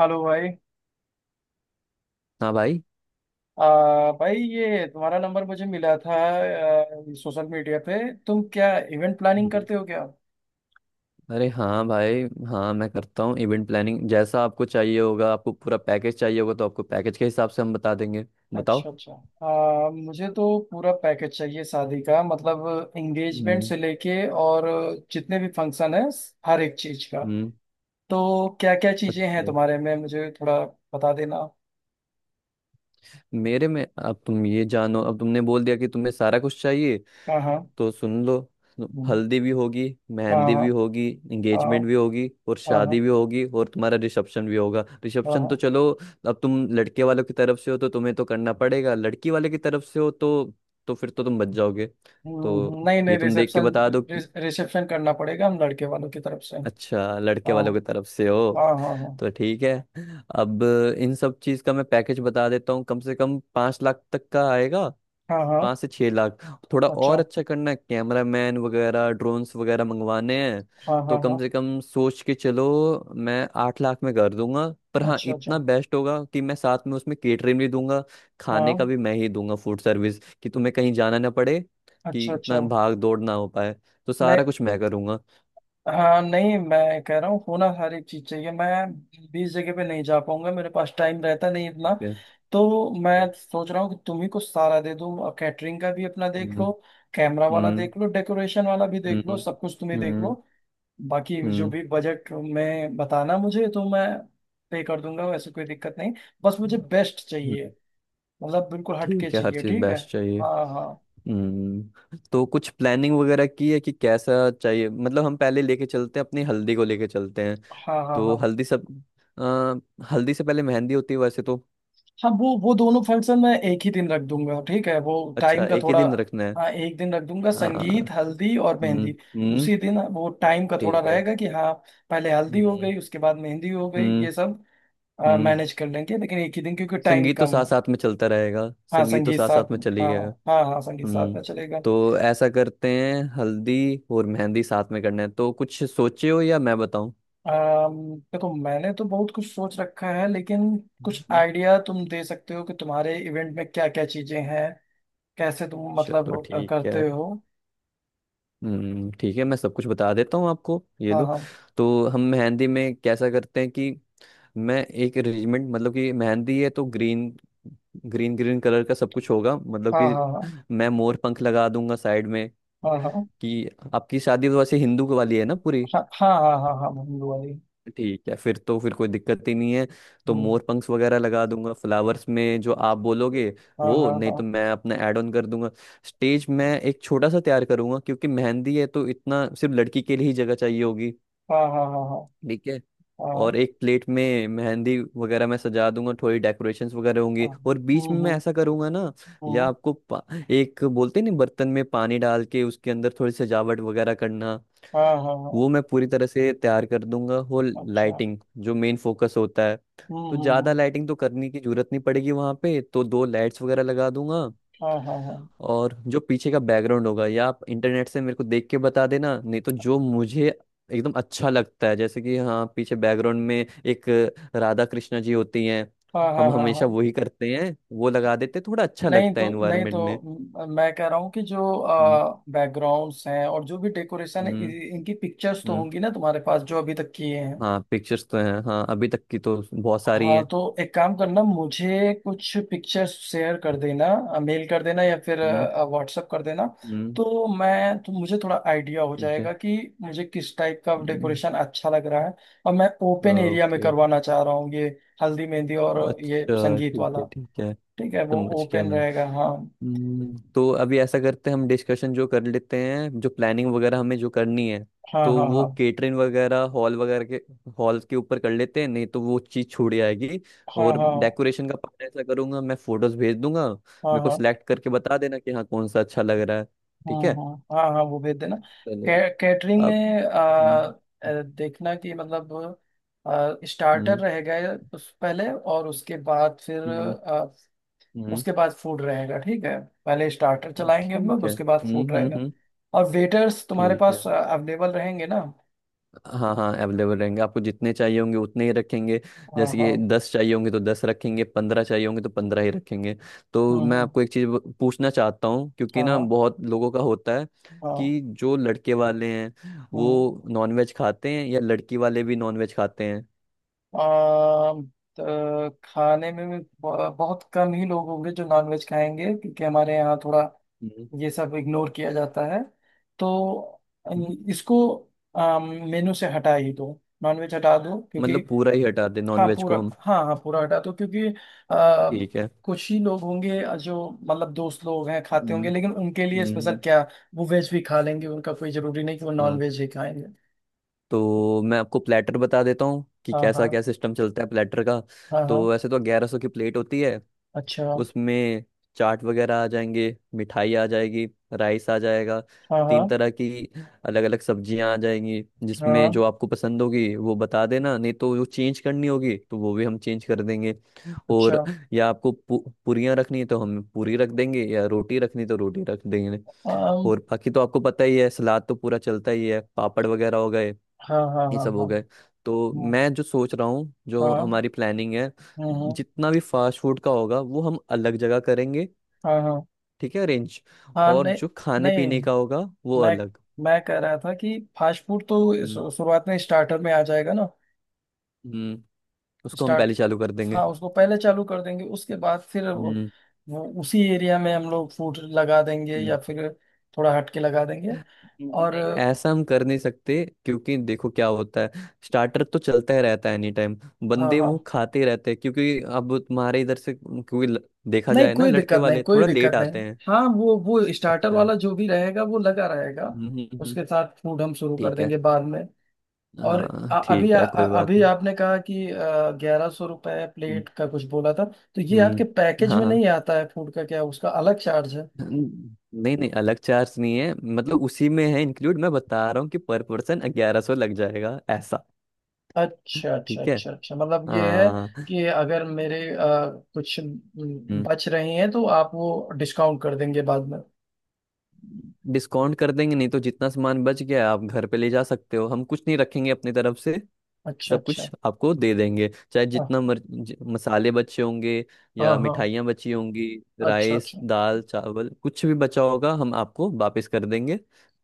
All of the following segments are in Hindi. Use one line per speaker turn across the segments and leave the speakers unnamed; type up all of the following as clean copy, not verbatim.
हेलो भाई।
हाँ भाई।
भाई, ये तुम्हारा नंबर मुझे मिला था सोशल मीडिया पे। तुम क्या इवेंट प्लानिंग
हम्म।
करते हो क्या?
अरे हाँ भाई। हाँ, मैं करता हूँ इवेंट प्लानिंग, जैसा आपको चाहिए होगा। आपको पूरा पैकेज चाहिए होगा तो आपको पैकेज के हिसाब से हम बता देंगे। बताओ।
अच्छा अच्छा। मुझे तो पूरा पैकेज चाहिए शादी का, मतलब एंगेजमेंट
हम्म।
से लेके और जितने भी फंक्शन है हर एक चीज का।
हम्म।
तो क्या क्या चीजें हैं
अच्छा।
तुम्हारे में, मुझे थोड़ा बता देना।
मेरे में अब तुम ये जानो, अब तुमने बोल दिया कि तुम्हें सारा कुछ चाहिए
हाँ हाँ।
तो सुन लो।
हम्म।
हल्दी भी होगी,
हाँ
मेहंदी
हाँ।
भी होगी, एंगेजमेंट
हाँ
भी होगी और
हाँ।
शादी
हाँ
भी होगी और तुम्हारा रिसेप्शन भी होगा।
हाँ।
रिसेप्शन तो
हाँ।
चलो, अब तुम लड़के वालों की तरफ से हो तो तुम्हें तो करना पड़ेगा, लड़की वाले की तरफ से हो तो फिर तो तुम बच जाओगे। तो
नहीं
ये
नहीं,
तुम देख के
रिसेप्शन
बता दो कि।
रिसेप्शन करना पड़ेगा, हम लड़के वालों की तरफ से।
अच्छा, लड़के
हाँ
वालों की तरफ से हो,
हाँ हाँ हाँ।
तो ठीक है। अब इन सब चीज़ का मैं पैकेज बता देता हूँ। कम से कम 5 लाख तक का आएगा,
हाँ हाँ।
5 से 6 लाख। थोड़ा
अच्छा।
और अच्छा करना है, कैमरा मैन वगैरह, ड्रोन्स वगैरह मंगवाने हैं
हाँ
तो
हाँ
कम
हाँ।
से कम सोच के चलो, मैं 8 लाख में कर दूंगा। पर हाँ,
अच्छा
इतना
अच्छा।
बेस्ट होगा कि मैं साथ में उसमें केटरिंग भी दूंगा, खाने का
हाँ।
भी मैं ही दूंगा, फूड सर्विस, कि तुम्हें कहीं जाना ना पड़े, कि
अच्छा
इतना
अच्छा।
भाग दौड़ ना हो पाए, तो
नहीं।
सारा कुछ मैं करूंगा।
हाँ नहीं, मैं कह रहा हूँ होना हर एक चीज चाहिए। मैं 20 जगह पे नहीं जा पाऊंगा, मेरे पास टाइम रहता नहीं इतना।
ठीक है।
तो मैं सोच रहा हूँ कि तुम्ही को सारा दे दूँ। कैटरिंग का भी अपना देख
हम्म।
लो, कैमरा वाला
हम्म।
देख लो, डेकोरेशन वाला भी देख लो,
हम्म।
सब कुछ तुम्ही देख लो।
हम्म।
बाकी जो
हम्म।
भी बजट में बताना मुझे तो मैं पे कर दूंगा, वैसे कोई दिक्कत नहीं। बस मुझे बेस्ट
हम्म,
चाहिए, मतलब बिल्कुल हटके
ठीक है, हर
चाहिए,
चीज
ठीक है।
बेस्ट चाहिए।
हाँ हाँ
हम्म, तो कुछ प्लानिंग वगैरह की है कि कैसा चाहिए? मतलब हम पहले लेके चलते हैं, अपनी हल्दी को लेके चलते हैं।
हाँ हाँ।
तो
हाँ
हल्दी सब, हल्दी से पहले मेहंदी होती है वैसे तो।
हाँ, वो दोनों फंक्शन मैं एक ही दिन रख दूंगा, ठीक है वो
अच्छा,
टाइम का
एक ही
थोड़ा।
दिन रखना है।
हाँ, एक दिन रख दूंगा,
हाँ।
संगीत हल्दी और मेहंदी।
हम्म। हम्म।
उसी दिन वो टाइम का थोड़ा
ठीक है।
रहेगा कि हाँ पहले हल्दी हो
हम्म।
गई, उसके बाद मेहंदी हो गई,
हम्म।
ये सब
हम्म।
मैनेज कर लेंगे, लेकिन एक ही दिन क्योंकि टाइम
संगीत तो
कम
साथ
है।
साथ में चलता रहेगा,
हाँ
संगीत तो
संगीत
साथ साथ
साथ
में
में,
चली
हाँ।
जाएगा।
हाँ हाँ, संगीत साथ
हम्म,
में चलेगा।
तो ऐसा करते हैं, हल्दी और मेहंदी साथ में करना है तो कुछ सोचे हो या मैं बताऊं?
देखो, मैंने तो बहुत कुछ सोच रखा है, लेकिन कुछ
हम्म,
आइडिया तुम दे सकते हो कि तुम्हारे इवेंट में क्या क्या चीजें हैं, कैसे तुम
चलो,
मतलब
ठीक है।
करते हो।
हम्म, ठीक है, मैं सब कुछ बता देता हूँ आपको, ये
हाँ
लो।
हाँ
तो हम मेहंदी में कैसा करते हैं कि मैं एक अरेंजमेंट, मतलब कि मेहंदी है तो ग्रीन, ग्रीन कलर का सब कुछ होगा, मतलब
हाँ
कि
हाँ।
मैं मोर पंख लगा दूंगा साइड में।
हाँ हाँ। हाँ
कि आपकी शादी तो वैसे हिंदू वाली है ना पूरी?
हाँ। हाँ हाँ, हाँ हाँ, भूल वाली।
ठीक है, फिर तो फिर कोई दिक्कत ही नहीं है। तो
हम्म।
मोर पंख वगैरह लगा दूंगा, फ्लावर्स में जो आप बोलोगे।
हाँ
वो
हाँ।
नहीं
हाँ
तो मैं अपना ऐड ऑन कर दूंगा। स्टेज मैं एक छोटा सा तैयार करूंगा, क्योंकि मेहंदी है तो इतना सिर्फ लड़की के लिए ही जगह चाहिए होगी।
हाँ। हाँ हाँ। हाँ
ठीक है।
हाँ।
और एक प्लेट में मेहंदी वगैरह मैं सजा दूंगा, थोड़ी डेकोरेशंस वगैरह
हाँ
होंगी, और बीच
हम्म,
में मैं
हम्म,
ऐसा करूंगा ना। या
हम्म,
आपको पा- एक बोलते हैं ना, बर्तन में पानी डाल के उसके अंदर थोड़ी सजावट वगैरह करना,
हाँ हाँ हाँ।
वो मैं पूरी तरह से तैयार कर दूंगा। होल
अच्छा।
लाइटिंग जो मेन फोकस होता है,
हम्म,
तो
हम्म,
ज़्यादा लाइटिंग तो करने की जरूरत नहीं पड़ेगी वहाँ पे, तो दो लाइट्स वगैरह लगा दूंगा।
हाँ हाँ हाँ।
और जो पीछे का बैकग्राउंड होगा, या आप इंटरनेट से मेरे को देख के बता देना, नहीं तो जो मुझे एकदम अच्छा लगता है, जैसे कि हाँ, पीछे बैकग्राउंड में एक राधा कृष्णा जी होती हैं,
हाँ हाँ।
हम
हाँ हाँ।
हमेशा वही करते हैं, वो लगा देते, थोड़ा अच्छा
नहीं
लगता
तो,
है एनवायरनमेंट में।
मैं कह रहा हूँ कि जो
हम्म।
बैकग्राउंड्स हैं और जो भी डेकोरेशन है,
हम्म।
इनकी पिक्चर्स तो
हम्म,
होंगी ना तुम्हारे पास जो अभी तक किए हैं।
हाँ, पिक्चर्स तो हैं, हाँ अभी तक की तो बहुत सारी
हाँ
हैं।
तो एक काम करना, मुझे कुछ पिक्चर्स शेयर कर देना, मेल कर देना या फिर
हम्म।
व्हाट्सअप कर देना।
हम्म।
तो मैं तो मुझे थोड़ा आइडिया हो
ठीक है।
जाएगा कि मुझे किस टाइप का
हम्म।
डेकोरेशन अच्छा लग रहा है। और मैं ओपन एरिया में
ओके।
करवाना चाह रहा हूँ ये हल्दी मेहंदी और ये
अच्छा,
संगीत
ठीक
वाला।
है, ठीक है,
ठीक है, वो
समझ गया
ओपन
मैं।
रहेगा, हाँ।
तो अभी ऐसा करते हैं, हम डिस्कशन जो कर लेते हैं, जो प्लानिंग वगैरह हमें जो करनी है,
हाँ
तो
हाँ
वो
हाँ
केटरिंग वगैरह, हॉल वगैरह के हॉल के ऊपर कर लेते हैं, नहीं तो वो चीज़ छूट जाएगी।
हाँ।
और
हाँ
डेकोरेशन का पार्ट ऐसा करूंगा, मैं फोटोज भेज दूंगा,
हाँ।
मेरे को
हाँ
सिलेक्ट करके बता देना कि हाँ कौन सा अच्छा लग रहा है।
हाँ।
ठीक है,
हाँ हाँ। हाँ, वो भेज देना।
चलो।
कैटरिंग
अब।
में
हम्म।
देखना कि मतलब स्टार्टर
हम्म।
रहेगा, या उस पहले, और उसके बाद फिर
हम्म। हम्म,
उसके बाद फूड रहेगा, ठीक है। पहले स्टार्टर चलाएंगे हम लोग,
ठीक है।
उसके बाद फूड
हम्म। हम्म।
रहेगा।
हम्म।
और वेटर्स तुम्हारे
ठीक
पास
है।
अवेलेबल रहेंगे ना?
हाँ हाँ, अवेलेबल रहेंगे, आपको जितने चाहिए होंगे उतने ही रखेंगे।
हाँ
जैसे
हाँ।
कि 10 चाहिए होंगे तो 10 रखेंगे, 15 चाहिए होंगे तो 15 ही रखेंगे। तो
हम्म,
मैं
हम्म,
आपको एक चीज़ पूछना चाहता हूँ, क्योंकि
हाँ
ना
हाँ
बहुत लोगों का होता है
हाँ।
कि जो लड़के वाले हैं
हम्म
वो नॉनवेज खाते हैं या लड़की वाले भी नॉनवेज खाते हैं।
आ, तो खाने में भी बहुत कम ही लोग होंगे जो नॉनवेज खाएंगे, क्योंकि हमारे यहाँ थोड़ा
हम्म।
ये सब इग्नोर किया जाता है। तो
हम्म।
इसको मेनू से हटा ही दो, नॉनवेज हटा दो क्योंकि
मतलब पूरा ही हटा दें
हाँ
नॉनवेज
पूरा,
को हम?
हाँ हाँ पूरा हटा दो क्योंकि आ,
ठीक है।
कुछ ही लोग होंगे जो, मतलब दोस्त लोग हैं, खाते
हम्म।
होंगे, लेकिन उनके लिए स्पेशल
हम्म।
क्या। वो वेज भी खा लेंगे, उनका कोई जरूरी नहीं कि वो नॉन
हाँ।
वेज ही खाएंगे।
तो मैं आपको प्लेटर बता देता हूँ कि
हाँ
कैसा क्या
हाँ
सिस्टम चलता है प्लेटर का।
हाँ हाँ।
तो वैसे तो 1100 की प्लेट होती है।
अच्छा।
उसमें चाट वगैरह आ जाएंगे, मिठाई आ जाएगी, राइस आ जाएगा,
हाँ हाँ
तीन तरह की अलग अलग सब्जियां आ जाएंगी, जिसमें
हाँ।
जो आपको पसंद होगी वो बता देना, नहीं तो जो चेंज करनी होगी तो वो भी हम चेंज कर देंगे।
अच्छा।
और या आपको पू, पूरियां रखनी है तो हम पूरी रख देंगे, या रोटी रखनी तो रोटी रख देंगे।
अम,
और बाकी तो आपको पता ही है, सलाद तो पूरा चलता ही है, पापड़ वगैरह हो गए,
हाँ हाँ।
ये
हाँ
सब
हाँ।
हो गए। तो
हाँ
मैं जो सोच रहा हूँ, जो
हाँ।
हमारी
हम्म,
प्लानिंग है,
हम्म,
जितना भी फास्ट फूड का होगा वो हम अलग जगह करेंगे।
हाँ हाँ
ठीक है, अरेंज,
हाँ।
और
नहीं
जो खाने
नहीं,
पीने का होगा वो
मैं
अलग।
मैं कह रहा था कि फास्ट फूड तो
हम्म।
शुरुआत में स्टार्टर में आ जाएगा ना।
हम्म। उसको हम
स्टार्ट
पहले चालू कर देंगे।
हाँ, उसको पहले चालू कर देंगे, उसके बाद फिर वो,
हम्म।
वो उसी एरिया में हम लोग फूड लगा देंगे या
हम्म।
फिर थोड़ा हटके लगा देंगे। और
नहीं, ऐसा हम कर नहीं सकते, क्योंकि देखो क्या होता है, स्टार्टर तो चलता ही रहता है एनी टाइम,
हाँ
बंदे
हाँ,
वो खाते ही रहते हैं, क्योंकि अब तुम्हारे इधर से, क्योंकि देखा
नहीं
जाए ना,
कोई
लड़के
दिक्कत नहीं,
वाले
कोई
थोड़ा लेट
दिक्कत नहीं।
आते हैं।
हाँ, वो स्टार्टर
अच्छा।
वाला जो भी रहेगा वो लगा रहेगा।
हम्म।
उसके साथ फूड हम शुरू कर
ठीक है,
देंगे बाद में। और
हाँ ठीक है, कोई बात
अभी
नहीं।
आपने कहा कि 1100 रुपए प्लेट का कुछ बोला था, तो ये आपके
हम्म।
पैकेज
हाँ
में
हाँ।
नहीं आता है फूड का, क्या उसका अलग चार्ज है?
नहीं नहीं, अलग चार्ज नहीं है, मतलब उसी में है इंक्लूड, मैं बता रहा हूँ कि पर पर्सन 1100 लग जाएगा ऐसा।
अच्छा अच्छा
ठीक है।
अच्छा अच्छा, मतलब ये है
हाँ।
कि अगर मेरे कुछ बच रहे हैं तो आप वो डिस्काउंट कर देंगे बाद में।
डिस्काउंट कर देंगे, नहीं तो जितना सामान बच गया आप घर पे ले जा सकते हो, हम कुछ नहीं रखेंगे अपनी तरफ से।
अच्छा
सब
अच्छा।
कुछ आपको दे देंगे, चाहे
हाँ
जितना मसाले बचे होंगे
हाँ
या
हाँ,
मिठाइयाँ बची होंगी,
अच्छा
राइस
अच्छा।
दाल चावल कुछ भी बचा होगा हम आपको वापस कर देंगे।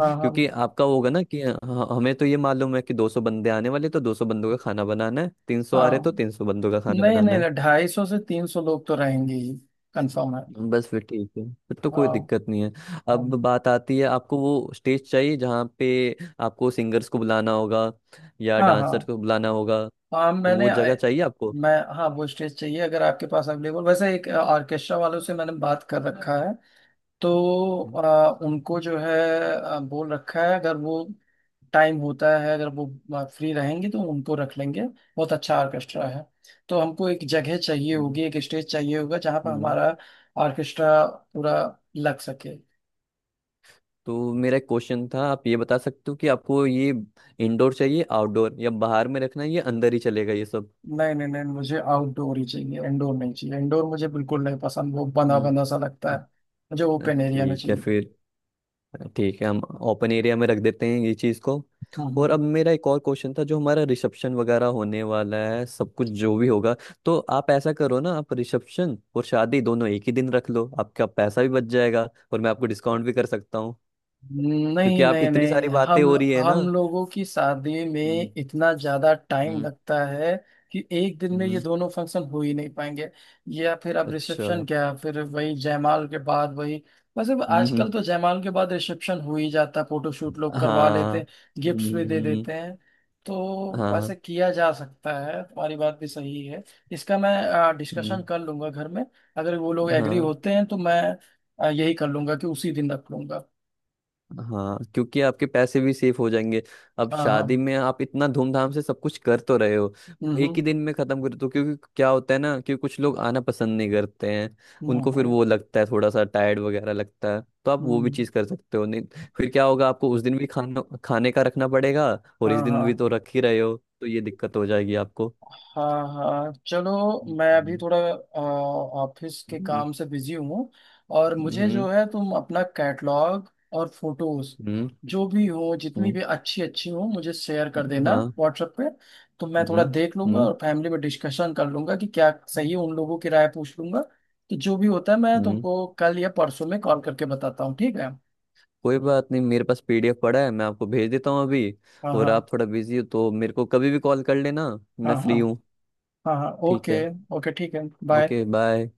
हाँ हाँ
क्योंकि आपका वो होगा ना कि हमें तो ये मालूम है कि 200 बंदे आने वाले, तो 200 बंदों का खाना बनाना है, 300 आ
हाँ,
रहे तो 300 बंदों का खाना
नहीं
बनाना
नहीं
है।
नहीं, 250 से 300 लोग तो रहेंगे ही, कंफर्म है।
बस फिर ठीक है, फिर तो कोई
हाँ
दिक्कत नहीं है। अब
हाँ
बात आती है, आपको वो स्टेज चाहिए जहाँ पे आपको सिंगर्स को बुलाना होगा या
हाँ
डांसर
हाँ।
को बुलाना होगा,
हाँ
तो
मैंने
वो जगह चाहिए आपको।
मैं हाँ, वो स्टेज चाहिए अगर आपके पास अवेलेबल। वैसे एक ऑर्केस्ट्रा वालों से मैंने बात कर रखा है, तो उनको जो है बोल रखा है, अगर वो टाइम होता है, अगर वो फ्री रहेंगे तो उनको रख लेंगे। बहुत अच्छा ऑर्केस्ट्रा है। तो हमको एक जगह चाहिए होगी, एक स्टेज चाहिए होगा जहाँ पर
हम्म,
हमारा ऑर्केस्ट्रा पूरा लग सके।
तो मेरा एक क्वेश्चन था, आप ये बता सकते हो कि आपको ये इंडोर चाहिए आउटडोर, या बाहर में रखना है या अंदर ही चलेगा ये सब?
नहीं नहीं नहीं, मुझे आउटडोर ही चाहिए, इंडोर नहीं चाहिए। इंडोर मुझे बिल्कुल नहीं पसंद, वो बंधा
हम्म।
बंधा सा लगता है। मुझे ओपन एरिया में
ठीक है
चाहिए।
फिर, ठीक है, हम ओपन एरिया में रख देते हैं ये चीज़ को।
हाँ हाँ।
और अब मेरा एक और क्वेश्चन था, जो हमारा रिसेप्शन वगैरह होने वाला है, सब कुछ जो भी होगा, तो आप ऐसा करो ना, आप रिसेप्शन और शादी दोनों एक ही दिन रख लो, आपका पैसा भी बच जाएगा और मैं आपको डिस्काउंट भी कर सकता हूँ, क्योंकि
नहीं
आप
नहीं
इतनी
नहीं,
सारी बातें
हम
हो रही है ना।
हम लोगों की शादी में
हम्म।
इतना ज्यादा टाइम
हम्म।
लगता है कि एक दिन में ये
हम्म,
दोनों फंक्शन हो ही नहीं पाएंगे। या फिर अब
अच्छा।
रिसेप्शन
हम्म।
क्या फिर वही जयमाल के बाद वही। वैसे
हम्म।
आजकल तो जयमाल के बाद रिसेप्शन हो ही जाता है, फोटोशूट लोग करवा लेते
हाँ।
हैं, गिफ्ट्स भी दे
हम्म,
देते हैं। तो
हाँ।
वैसे किया जा सकता है, तुम्हारी बात भी सही है। इसका मैं डिस्कशन
हम्म,
कर लूंगा घर में। अगर वो लोग एग्री
हाँ।
होते हैं तो मैं यही कर लूंगा कि उसी दिन रख लूंगा।
हाँ, क्योंकि आपके पैसे भी सेफ हो जाएंगे। अब
हाँ हाँ।
शादी में आप इतना धूमधाम से सब कुछ कर तो रहे हो,
हम्म,
एक ही
हम्म,
दिन में खत्म कर तो, क्योंकि क्या होता है ना कि कुछ लोग आना पसंद नहीं करते हैं,
हाँ
उनको फिर
हाँ,
वो लगता है थोड़ा सा टायर्ड वगैरह लगता है, तो आप वो भी
हम्म,
चीज कर सकते हो नहीं। फिर क्या होगा, आपको उस दिन भी खाना खाने का रखना पड़ेगा और
हाँ
इस दिन
हाँ
भी तो रख ही रहे हो, तो ये दिक्कत हो जाएगी आपको।
हाँ हाँ। चलो, मैं अभी
हम्म।
थोड़ा ऑफिस के
हम्म।
काम से बिजी हूँ। और मुझे जो
हम्म।
है तुम अपना कैटलॉग और फोटोज
हम्म।
जो भी हो जितनी
हम्म,
भी अच्छी अच्छी हो मुझे शेयर कर देना
हाँ।
व्हाट्सएप पे। तो मैं
हम्म।
थोड़ा देख लूंगा
हम्म।
और फैमिली में डिस्कशन कर लूंगा कि क्या सही है, उन लोगों की राय पूछ लूंगा। तो जो भी होता है मैं
हम्म।
तुमको कल या परसों में कॉल करके बताता हूँ, ठीक है।
कोई बात नहीं, मेरे पास पीडीएफ पड़ा है, मैं आपको भेज देता हूँ अभी।
हाँ
और
हाँ।
आप थोड़ा बिजी हो तो मेरे को कभी भी कॉल कर लेना,
हाँ
मैं
हाँ।
फ्री हूँ।
हाँ हाँ।
ठीक
ओके।
है,
ओके ठीक है, बाय।
Okay, bye.